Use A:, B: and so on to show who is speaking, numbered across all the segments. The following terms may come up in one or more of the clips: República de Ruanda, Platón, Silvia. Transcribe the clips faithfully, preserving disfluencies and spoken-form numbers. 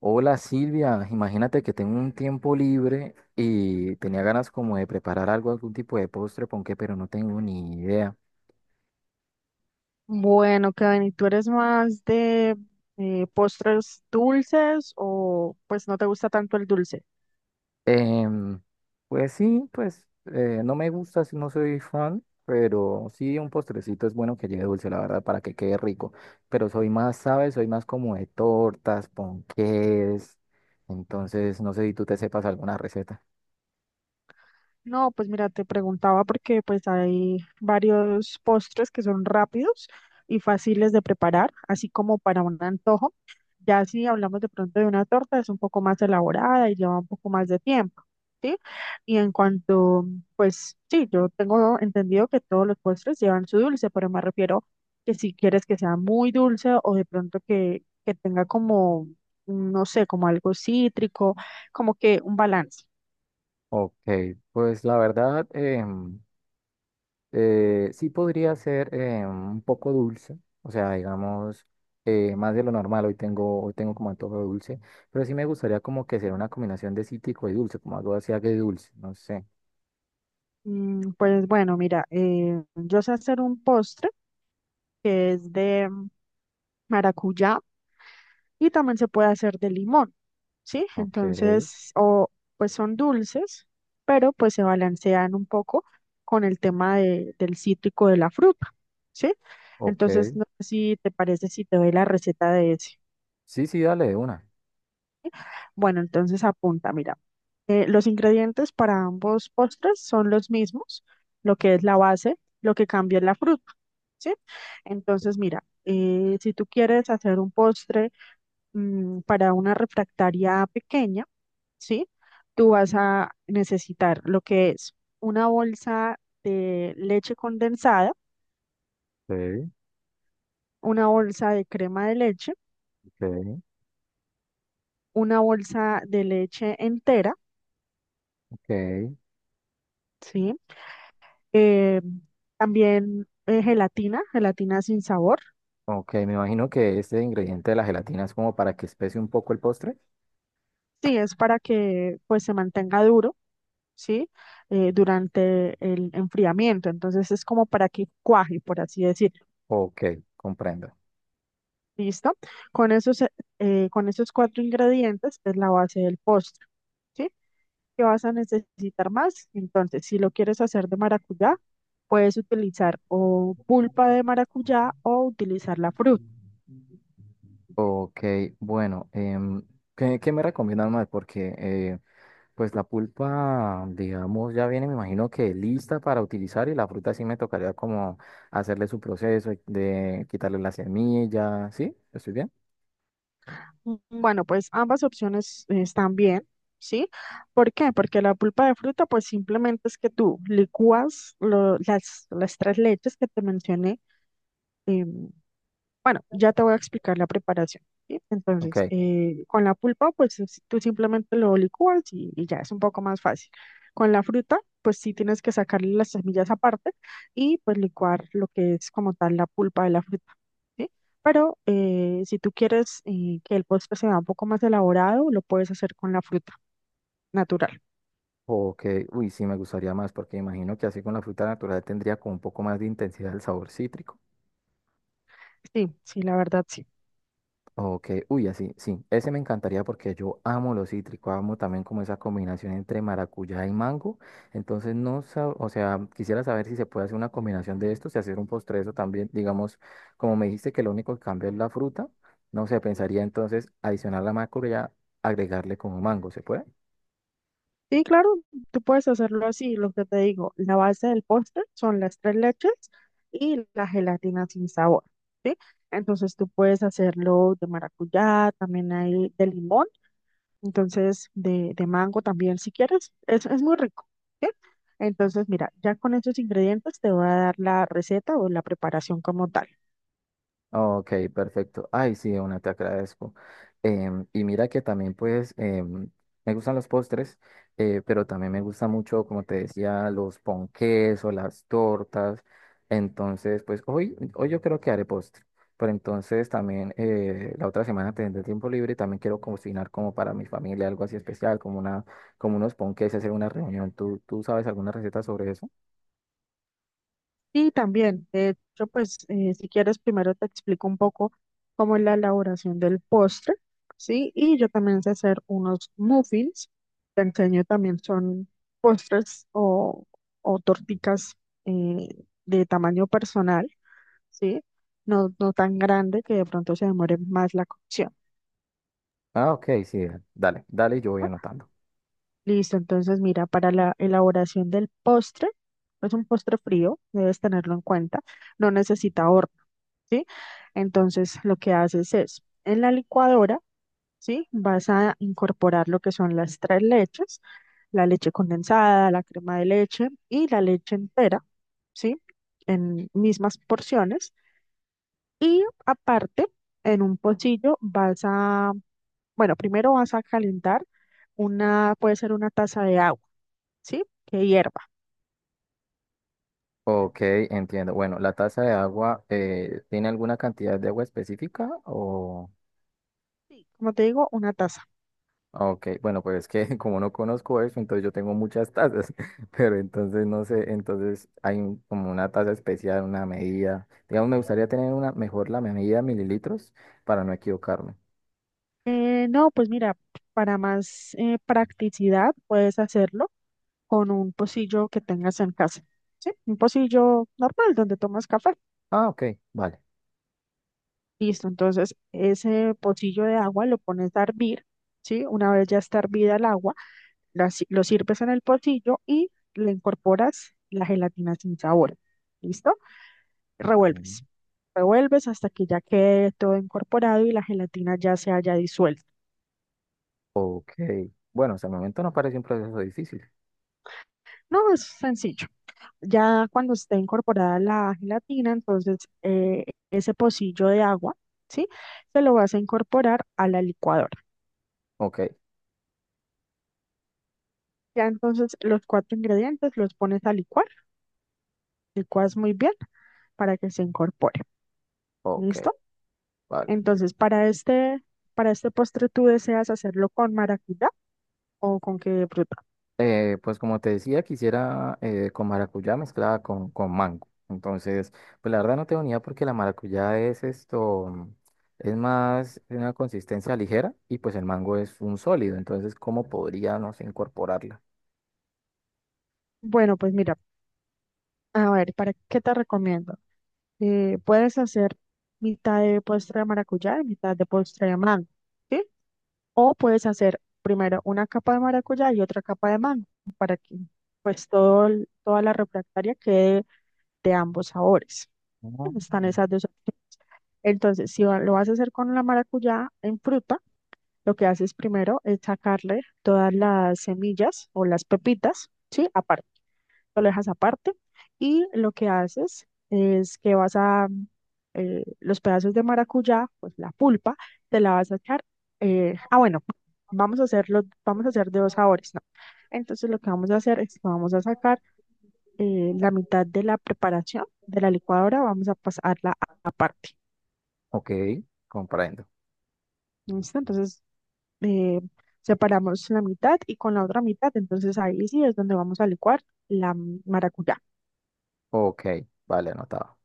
A: Hola Silvia, imagínate que tengo un tiempo libre y tenía ganas como de preparar algo, algún tipo de postre, ponqué, pero no tengo ni idea.
B: Bueno, Kevin, ¿y tú eres más de eh, postres dulces o pues no te gusta tanto el dulce?
A: Em, pues sí, pues eh, no me gusta, sí, no soy fan, pero sí un postrecito es bueno que lleve dulce, la verdad, para que quede rico. Pero soy más, ¿sabes? Soy más como de tortas, ponqués. Entonces, no sé si tú te sepas alguna receta.
B: No, pues mira, te preguntaba porque pues hay varios postres que son rápidos y fáciles de preparar, así como para un antojo. Ya si hablamos de pronto de una torta, es un poco más elaborada y lleva un poco más de tiempo, ¿sí? Y en cuanto, pues sí, yo tengo entendido que todos los postres llevan su dulce, pero me refiero que si quieres que sea muy dulce o de pronto que, que tenga como, no sé, como algo cítrico como que un balance.
A: Ok, pues la verdad, em, Eh, sí podría ser eh, un poco dulce, o sea, digamos, eh, más de lo normal, hoy tengo, hoy tengo como antojo de dulce, pero sí me gustaría como que sea una combinación de cítrico y dulce, como algo así agridulce, dulce, no sé.
B: Mm, Pues bueno, mira, eh, yo sé hacer un postre que es de maracuyá y también se puede hacer de limón. ¿Sí?
A: Ok,
B: Entonces, o pues son dulces, pero pues se balancean un poco con el tema de- del cítrico de la fruta, ¿sí? Entonces,
A: ok.
B: no sé si te parece si te doy la receta de ese.
A: Sí, sí, dale de una.
B: Bueno, entonces apunta, mira. Eh, los ingredientes para ambos postres son los mismos, lo que es la base, lo que cambia es la fruta, ¿sí? Entonces, mira, eh, si tú quieres hacer un postre mm, para una refractaria pequeña, ¿sí? Tú vas a necesitar lo que es una bolsa de leche condensada,
A: Ok,
B: una bolsa de crema de leche,
A: ok,
B: una bolsa de leche entera,
A: ok.
B: ¿sí? eh, También eh, gelatina, gelatina sin sabor.
A: Ok, me imagino que este ingrediente de la gelatina es como para que especie un poco el postre.
B: Sí, es para que pues se mantenga duro, ¿sí? Eh, durante el enfriamiento. Entonces es como para que cuaje, por así decir.
A: Ok, comprendo.
B: ¿Listo? Con esos, eh, eh, con esos cuatro ingredientes es la base del postre, ¿sí? ¿Qué vas a necesitar más? Entonces, si lo quieres hacer de maracuyá, puedes utilizar o pulpa de maracuyá o utilizar la fruta.
A: Ok, bueno, em, ¿qué, ¿qué me recomiendas más? Porque eh, pues la pulpa, digamos, ya viene, me imagino que lista para utilizar y la fruta sí me tocaría como hacerle su proceso de quitarle la semilla, ¿sí? ¿Estoy bien?
B: Mm, Bueno, pues ambas opciones eh, están bien, ¿sí? ¿Por qué? Porque la pulpa de fruta, pues simplemente es que tú licúas lo- las, las tres leches que te mencioné, em, bueno, ya te voy a explicar la preparación, ¿sí?
A: Ok.
B: Entonces, eh, con la pulpa, pues es- tú simplemente lo licúas y, y ya es un poco más fácil. Con la fruta, pues sí tienes que sacarle las semillas aparte y pues licuar lo que es como tal la pulpa de la fruta, ¿sí? Pero eh, si tú quieres eh, que el postre sea un poco más elaborado, lo puedes hacer con la fruta natural.
A: Ok, uy, sí, me gustaría más porque imagino que así con la fruta natural tendría como un poco más de intensidad el sabor cítrico.
B: Sí, sí, la verdad, sí.
A: Ok, uy, así, sí, ese me encantaría porque yo amo lo cítrico, amo también como esa combinación entre maracuyá y mango, entonces no, sab- o sea, quisiera saber si se puede hacer una combinación de estos y hacer un postre de eso también, digamos, como me dijiste que lo único que cambia es la fruta, no sé, pensaría entonces adicionar la maracuyá, agregarle como mango, ¿se puede?
B: Sí, claro, tú puedes hacerlo así, lo que te digo, la base del postre son las tres leches y la gelatina sin sabor, ¿sí? Entonces tú puedes hacerlo de maracuyá, también hay de limón, entonces de, de mango también si quieres, es, es muy rico, ¿sí? Entonces mira, ya con esos ingredientes te voy a dar la receta o la preparación como tal.
A: Ok, perfecto. Ay, sí, una, te agradezco. Em, y mira que también, pues, em, me gustan los postres, eh, pero también me gusta mucho, como te decía, los ponqués o las tortas. Entonces, pues, hoy, hoy yo creo que haré postre. Pero entonces también eh, la otra semana tendré tiempo libre y también quiero cocinar como para mi familia algo así especial, como una, como unos ponqués, hacer una reunión. ¿Tú, ¿tú sabes alguna receta sobre eso?
B: Sí, también. De hecho, pues eh, si quieres, primero te explico un poco cómo es la elaboración del postre, ¿sí? Y yo también sé hacer unos muffins. Te enseño también son postres o, o torticas eh, de tamaño personal, ¿sí? No, no tan grande que de pronto se demore más la cocción,
A: Ah, ok, sí, dale, dale, yo voy
B: ¿no?
A: anotando.
B: Listo, entonces mira, para la elaboración del postre, es un postre frío, debes tenerlo en cuenta, no necesita horno. ¿Sí? Entonces, lo que haces es, en la licuadora, ¿sí? Vas a incorporar lo que son las tres leches, la leche condensada, la crema de leche y la leche entera, ¿sí? En mismas porciones. Y aparte, en un pocillo vas a, bueno, primero vas a calentar una, puede ser una taza de agua, ¿sí? Que hierva.
A: Ok, entiendo. Bueno, ¿la taza de agua eh, tiene alguna cantidad de agua específica? O...
B: Sí. Como te digo, una taza.
A: Ok, bueno, pues es que como no conozco eso, entonces yo tengo muchas tazas, pero entonces no sé, entonces hay un- como una taza especial, una medida. Digamos, me gustaría tener una mejor la medida de mililitros para no equivocarme.
B: Eh, no, pues mira, para más eh, practicidad puedes hacerlo con un pocillo que tengas en casa, ¿sí? Un pocillo normal donde tomas café.
A: Ah, ok, vale.
B: Listo, entonces ese pocillo de agua lo pones a hervir, ¿sí? Una vez ya está hervida el agua, la si- lo sirves en el pocillo y le incorporas la gelatina sin sabor, ¿listo?
A: Mm.
B: Revuelves, revuelves hasta que ya quede todo incorporado y la gelatina ya se haya disuelto.
A: Ok, bueno, hasta el momento no parece un proceso difícil.
B: No, es sencillo. Ya cuando esté incorporada la gelatina, entonces eh, ese pocillo de agua, ¿sí? Se lo vas a incorporar a la licuadora.
A: Ok,
B: Ya entonces los cuatro ingredientes los pones a licuar, licuas muy bien para que se incorpore,
A: ok,
B: ¿listo?
A: vale.
B: Entonces para este, para este postre tú deseas hacerlo con maracuyá o con qué fruta.
A: Eh, pues como te decía, quisiera eh, con maracuyá mezclada con, con mango. Entonces, pues la verdad no tengo ni idea porque la maracuyá es esto, es más de una consistencia ligera y pues el mango es un sólido. Entonces, ¿cómo podríamos incorporarla?
B: Bueno, pues mira, a ver, ¿para qué te recomiendo? Eh, puedes hacer mitad de postre de maracuyá y mitad de postre de mango, ¿sí? O puedes hacer primero una capa de maracuyá y otra capa de mango para que pues todo, el- toda la refractaria quede de ambos sabores.
A: Ah,
B: Están esas dos opciones. Entonces, si va- lo vas a hacer con la maracuyá en fruta, lo que haces primero es sacarle todas las semillas o las pepitas, ¿sí? Lo dejas aparte y lo que haces es que vas a eh, los pedazos de maracuyá, pues la pulpa, te la vas a echar. Eh, ah, bueno, vamos a hacerlo, vamos a hacer de dos sabores, ¿no? Entonces lo que vamos a hacer es que vamos a sacar eh, la mitad de la preparación de la licuadora, vamos a pasarla a- aparte.
A: ok, comprendo.
B: ¿Listo? Entonces eh, separamos la mitad y con la otra mitad, entonces ahí sí es donde vamos a licuar la maracuyá.
A: Ok, vale, anotado.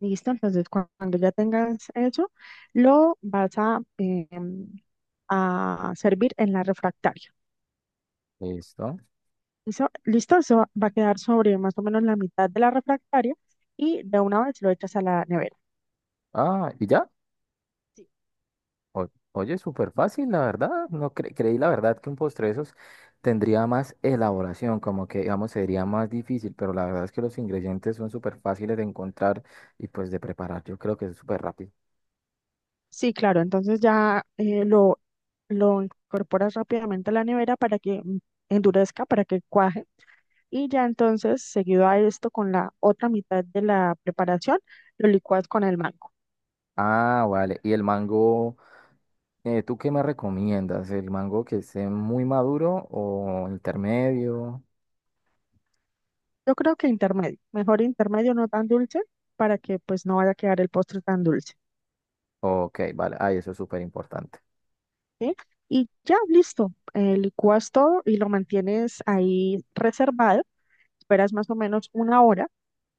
B: Listo, entonces cu- cuando ya tengas eso, lo vas a, eh, a servir en la refractaria.
A: Listo.
B: Eso- listo, eso va a quedar sobre más o menos la mitad de la refractaria y de una vez lo echas a la nevera.
A: Ah, ¿y ya?
B: Sí.
A: O- oye, súper fácil, la verdad. No cre- creí la verdad que un postre de esos tendría más elaboración, como que, digamos, sería más difícil, pero la verdad es que los ingredientes son súper fáciles de encontrar y pues de preparar. Yo creo que es súper rápido.
B: Sí, claro, entonces ya eh, lo, lo incorporas rápidamente a la nevera para que mm, endurezca, para que cuaje. Y ya entonces, seguido a esto, con la otra mitad de la preparación, lo licuas con el mango.
A: Ah, vale. ¿Y el mango, eh, tú qué me recomiendas? ¿El mango que esté muy maduro o intermedio?
B: Yo creo que intermedio, mejor intermedio, no tan dulce, para que pues no vaya a quedar el postre tan dulce,
A: Ok, vale. Ay, eso es súper importante.
B: ¿sí? Y ya, listo, eh, licuas todo y lo mantienes ahí reservado, esperas más o menos una hora.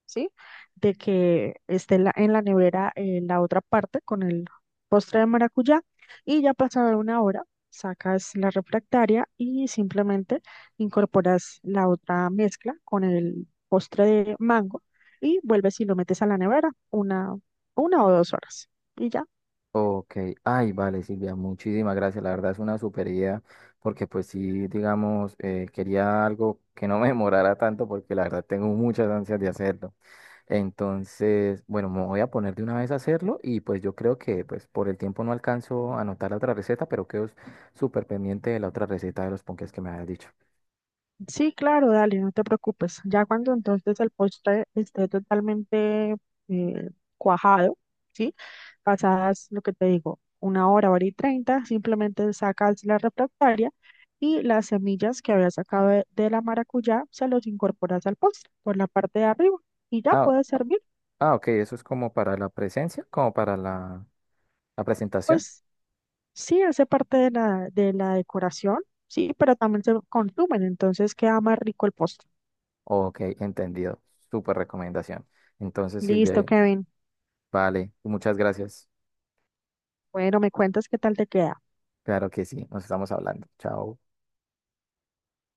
B: ¿Sí? De que esté en la, en la nevera eh, la otra parte con el postre de maracuyá y ya pasada una hora sacas la refractaria y simplemente incorporas la otra mezcla con el postre de mango y vuelves y lo metes a la nevera una, una o dos horas. Y ya.
A: Ok, ay, vale, Silvia, muchísimas gracias. La verdad es una super idea, porque pues sí, digamos, eh, quería algo que no me demorara tanto, porque la verdad tengo muchas ansias de hacerlo. Entonces, bueno, me voy a poner de una vez a hacerlo y pues yo creo que pues por el tiempo no alcanzo a anotar la otra receta, pero quedo súper pendiente de la otra receta de los ponques que me habías dicho.
B: Sí, claro, dale, no te preocupes. Ya cuando entonces el postre esté totalmente eh, cuajado, ¿sí? Pasadas lo que te digo, una hora, hora y treinta, simplemente sacas la refractaria y las semillas que habías sacado de, de la maracuyá se los incorporas al postre por la parte de arriba y ya
A: Ah,
B: puede servir.
A: ah, ok, eso es como para la presencia, como para la, la presentación.
B: Pues sí, hace parte de la, de la decoración, sí, pero también se consumen, entonces queda más rico el postre.
A: Ok, entendido. Súper recomendación. Entonces,
B: Listo,
A: Silvia,
B: Kevin.
A: vale, muchas gracias.
B: Bueno, me cuentas qué tal te queda.
A: Claro que sí, nos estamos hablando. Chao.